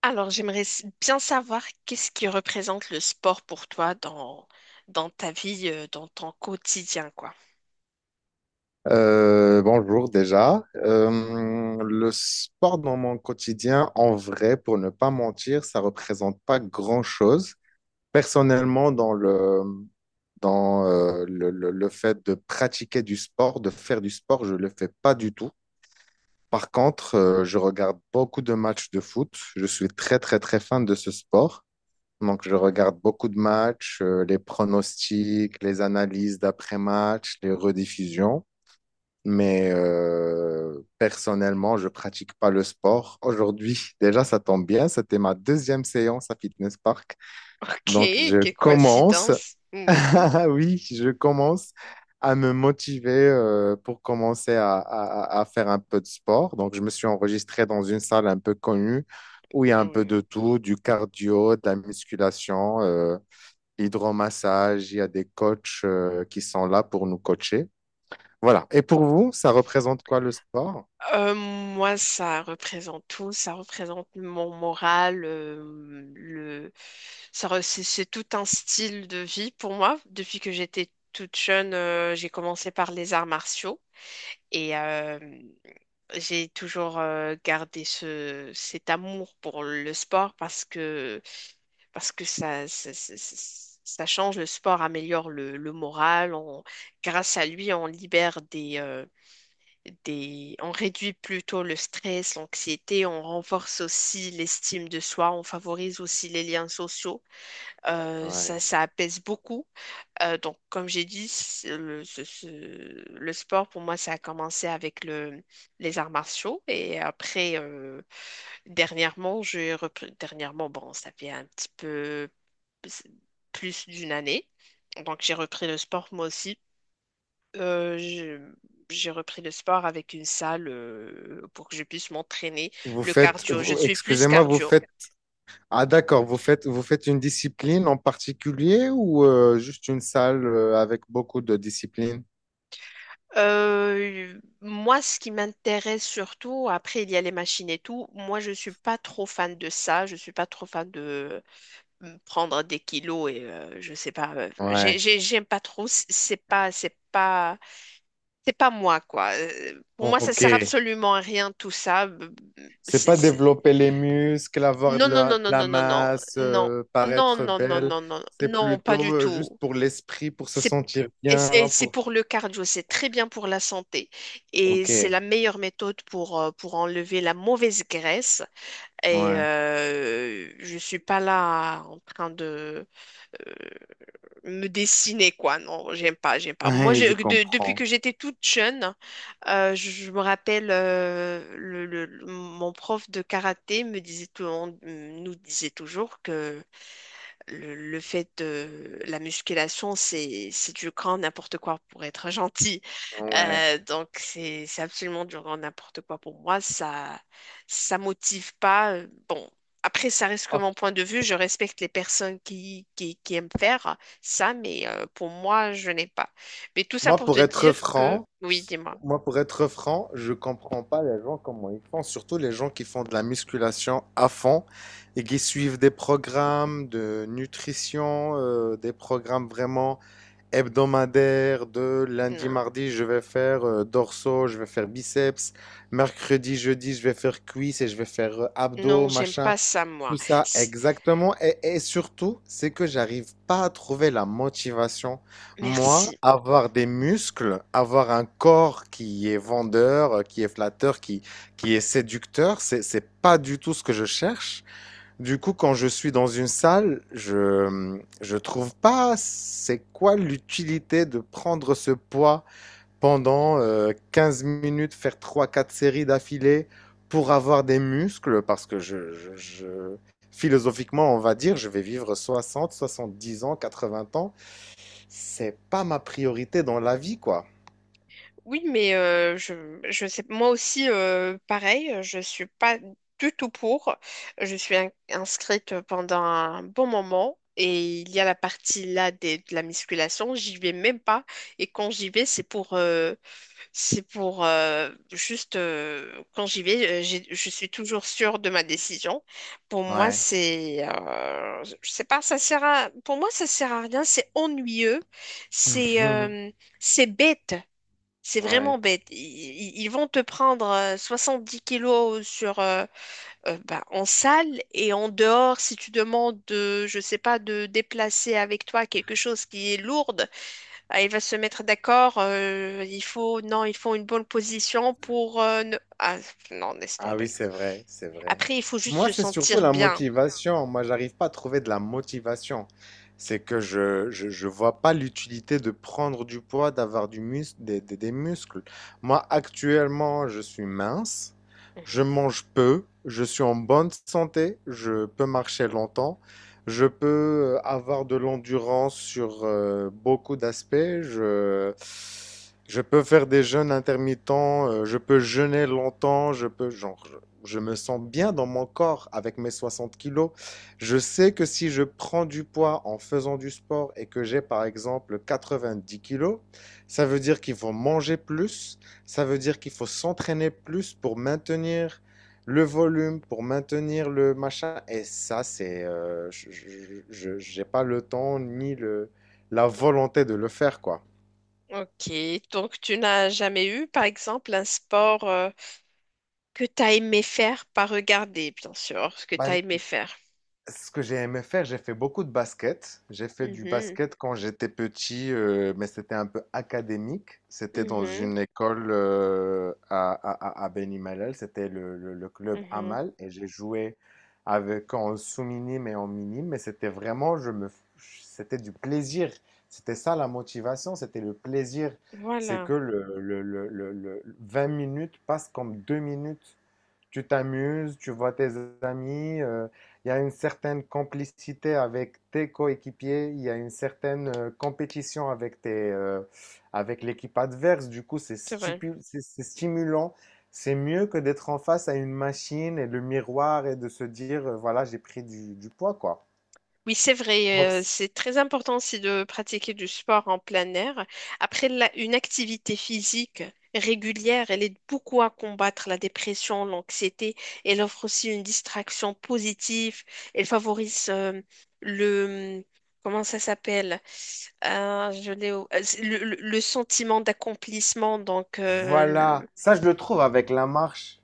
Alors, j'aimerais bien savoir qu'est-ce qui représente le sport pour toi dans ta vie, dans ton quotidien, quoi. Bonjour déjà. Le sport dans mon quotidien, en vrai, pour ne pas mentir, ça représente pas grand-chose. Personnellement, le fait de pratiquer du sport, de faire du sport, je le fais pas du tout. Par contre, je regarde beaucoup de matchs de foot. Je suis très, très, très fan de ce sport. Donc, je regarde beaucoup de matchs, les pronostics, les analyses d'après-match, les rediffusions. Mais personnellement, je pratique pas le sport. Aujourd'hui, déjà, ça tombe bien. C'était ma deuxième séance à Fitness Park. Ok, Donc, je quelle commence, coïncidence. Oui, ah oui, je commence à me motiver pour commencer à faire un peu de sport. Donc, je me suis enregistré dans une salle un peu connue où il y a un peu oui. de tout, du cardio, de la musculation, l'hydromassage. Il y a des coachs qui sont là pour nous coacher. Voilà. Et pour vous, ça représente quoi le sport? Moi, ça représente tout. Ça représente mon moral. C'est tout un style de vie pour moi. Depuis que j'étais toute jeune, j'ai commencé par les arts martiaux. Et j'ai toujours gardé cet amour pour le sport parce que ça change, le sport améliore le moral. Grâce à lui, on libère on réduit plutôt le stress, l'anxiété, on renforce aussi l'estime de soi, on favorise aussi les liens sociaux. Euh, ça, Ouais. ça apaise beaucoup. Donc, comme j'ai dit, c'est le, ce- ce- le sport pour moi, ça a commencé avec les arts martiaux. Et après, dernièrement, j'ai repris. Dernièrement, bon, ça fait un petit peu plus d'une année. Donc, j'ai repris le sport moi aussi. Euh, je- j'ai repris le sport avec une salle pour que je puisse m'entraîner. Le cardio, je suis plus Excusez-moi, cardio. Ah d'accord, vous faites une discipline en particulier ou juste une salle avec beaucoup de disciplines? Moi, ce qui m'intéresse surtout, après, il y a les machines et tout. Moi, je suis pas trop fan de ça. Je suis pas trop fan de prendre des kilos et je sais pas. Ouais. J'aime pas trop. C'est pas, c'est pas moi, quoi. Pour moi, ça Ok. sert absolument à rien tout ça. C'est pas développer les muscles, avoir Non, non, non, de non, la non, non, masse, non, non, non, paraître non, non, belle, non, non, c'est non, pas plutôt du juste tout. pour l'esprit, pour se sentir Et bien, c'est pour… pour le cardio, c'est très bien pour la santé et Ok, c'est la meilleure méthode pour enlever la mauvaise graisse. Et ouais, je suis pas là en train de euh, me dessiner, quoi. Non, j'aime pas, j'aime pas. Moi, je depuis que comprends. j'étais toute jeune, je me rappelle, mon prof de karaté me disait nous disait toujours que le fait de la musculation, c'est du grand n'importe quoi pour être gentil. Ouais. Donc c'est absolument du grand n'importe quoi pour moi. Ça motive pas. Après, ça reste que mon point de vue. Je respecte les personnes qui aiment faire ça, mais pour moi, je n'ai pas. Mais tout ça Moi, pour te pour être dire que franc, oui, dis-moi. Moi, pour être franc, je comprends pas les gens comment ils font, surtout les gens qui font de la musculation à fond et qui suivent des programmes de nutrition, des programmes vraiment hebdomadaires de lundi, Non, mardi, je vais faire dorsaux, je vais faire biceps, mercredi, jeudi, je vais faire cuisses et je vais faire non, abdos, j'aime machin. pas ça moi. Tout ça, C- exactement. Et surtout, c'est que j'arrive pas à trouver la motivation. Moi, Merci. avoir des muscles, avoir un corps qui est vendeur, qui est flatteur, qui est séducteur, c'est pas du tout ce que je cherche. Du coup, quand je suis dans une salle, je trouve pas c'est quoi l'utilité de prendre ce poids pendant 15 minutes, faire trois, quatre séries d'affilée pour avoir des muscles, parce que philosophiquement, on va dire, je vais vivre soixante, soixante-dix ans, 80 ans. C'est pas ma priorité dans la vie, quoi. Oui, mais je sais, moi aussi, pareil, je suis pas du tout pour. Je suis inscrite pendant un bon moment et il y a la partie là de la musculation, j'y vais même pas. Et quand j'y vais, c'est pour juste, quand j'y vais, je suis toujours sûre de ma décision. Pour moi, Ouais. Je sais pas, ça sert à, pour moi, ça sert à rien, c'est ennuyeux, c'est, euh, c'est bête. C'est vraiment Ouais. bête. Ils vont te prendre 70 kilos sur, bah, en salle et en dehors, si tu demandes de, je sais pas, de déplacer avec toi quelque chose qui est lourde, ah, il va se mettre d'accord. Il faut, non, il faut une bonne position pour Ah, non, laisse Ah oui, tomber. c'est vrai, c'est vrai. Après, il faut juste Moi, se c'est surtout sentir la bien. motivation. Moi, j'arrive pas à trouver de la motivation. C'est que je vois pas l'utilité de prendre du poids, d'avoir du mus des muscles. Moi, actuellement, je suis mince, je Mhm. mange peu, je suis en bonne santé, je peux marcher longtemps, je peux avoir de l'endurance sur beaucoup d'aspects. Je… Je peux faire des jeûnes intermittents, je peux jeûner longtemps, je peux, genre, je me sens bien dans mon corps avec mes 60 kilos. Je sais que si je prends du poids en faisant du sport et que j'ai par exemple 90 kilos, ça veut dire qu'il faut manger plus, ça veut dire qu'il faut s'entraîner plus pour maintenir le volume, pour maintenir le machin. Et ça, c'est, je- j'ai pas le temps ni le, la volonté de le faire, quoi. Ok, donc tu n'as jamais eu, par exemple, un sport que tu as aimé faire, pas regarder, bien sûr, ce que tu Bah, as aimé faire. ce que j'ai aimé faire, j'ai fait beaucoup de basket. J'ai fait du Mhm. basket quand j'étais petit, mais c'était un peu académique. C'était dans Mhm, une école à Beni Mellal. C'était le club mhm. Amal, et j'ai joué avec en sous-minime et en minime, mais c'était vraiment, c'était du plaisir. C'était ça la motivation, c'était le plaisir. C'est Voilà, que le 20 minutes passent comme 2 minutes. Tu t'amuses, tu vois tes amis, il y a une certaine complicité avec tes coéquipiers, il y a une certaine compétition avec tes, avec l'équipe adverse. Du coup, c'est vrai. C'est stimulant. C'est mieux que d'être en face à une machine et le miroir et de se dire, voilà, j'ai pris du poids, quoi. Oui, c'est Donc, vrai, c- c'est très important aussi de pratiquer du sport en plein air. Après, une activité physique régulière, elle aide beaucoup à combattre la dépression, l'anxiété. Elle offre aussi une distraction positive. Elle favorise le... mmh, comment ça s'appelle? C'est le sentiment d'accomplissement. Donc, voilà. Ça, je le trouve avec la marche.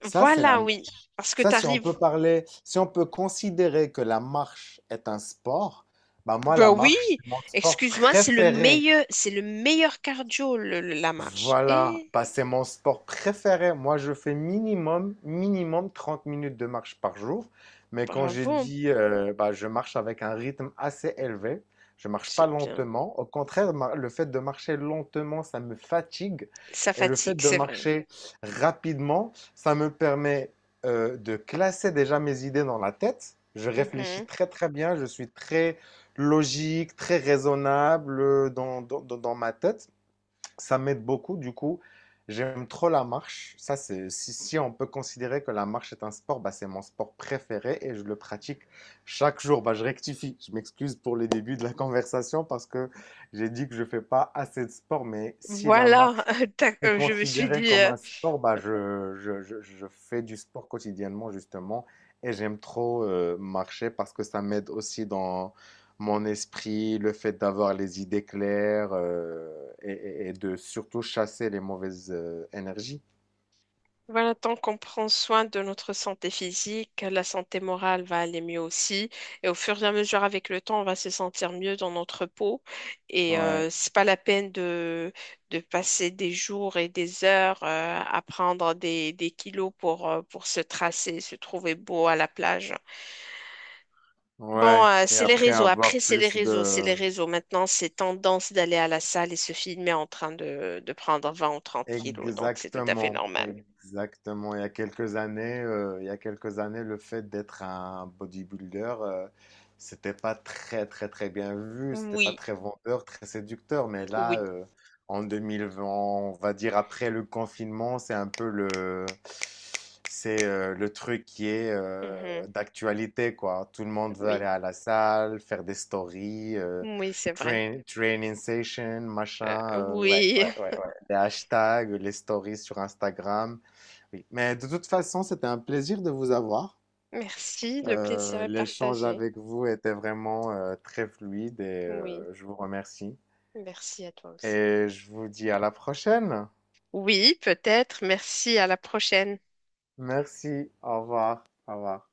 Ça, c'est la… voilà, oui. Parce que Ça, tu si on peut parler, si on peut considérer que la marche est un sport, bah moi, la Ben oui, marche, c'est mon sport excuse-moi, préféré. C'est le meilleur cardio, la marche. Voilà, Eh, bah, c'est mon sport préféré. Moi, je fais minimum, minimum 30 minutes de marche par jour. Mais quand j'ai bravo, dit, bah, je marche avec un rythme assez élevé, je marche pas c'est bien. lentement. Au contraire, le fait de marcher lentement, ça me fatigue. Ça Et le fatigue, fait de c'est vrai. marcher rapidement, ça me permet de classer déjà mes idées dans la tête. Je réfléchis Mhm. très très bien, je suis très logique, très raisonnable dans ma tête. Ça m'aide beaucoup. Du coup, j'aime trop la marche. Ça, c'est, si on peut considérer que la marche est un sport, bah, c'est mon sport préféré et je le pratique chaque jour. Bah, je rectifie. Je m'excuse pour les débuts de la conversation parce que j'ai dit que je ne fais pas assez de sport, mais si la Voilà, marche t'as- et je me suis considéré dit, comme un sport, bah, je fais du sport quotidiennement justement et j'aime trop marcher parce que ça m'aide aussi dans mon esprit, le fait d'avoir les idées claires euh, et de surtout chasser les mauvaises énergies. Voilà, tant qu'on prend soin de notre santé physique, la santé morale va aller mieux aussi. Et au fur et à mesure, avec le temps, on va se sentir mieux dans notre peau. Et Ouais, c'est pas la peine de passer des jours et des heures à prendre des kilos pour se tracer, se trouver beau à la plage. Bon, ouais. Et c'est les après réseaux. avoir Après, c'est les plus réseaux. C'est les de… réseaux. Maintenant, c'est tendance d'aller à la salle et se filmer en train de prendre 20 ou 30 kilos. Donc, c'est tout à fait Exactement, normal. exactement. Il y a quelques années, le fait d'être un bodybuilder, c'était pas très très très bien vu, c'était pas Oui, très vendeur, très séducteur. Mais là, oui. En 2020, on va dire après le confinement, c'est un peu le, c'est le truc qui est Mhm. d'actualité quoi. Tout le monde veut aller Oui, à la salle, faire des stories, oui, c'est vrai. train, training session, machin. Ouais, Oui, ouais, ouais, les hashtags, les stories sur Instagram. Oui. Mais de toute façon, c'était un plaisir de vous avoir. merci, le plaisir Euh, est l'échange partagé. avec vous était vraiment très fluide et Oui, je vous remercie. merci à toi aussi. Et je vous dis à la prochaine. Oui, peut-être, merci, à la prochaine. Merci. Au revoir. Au revoir.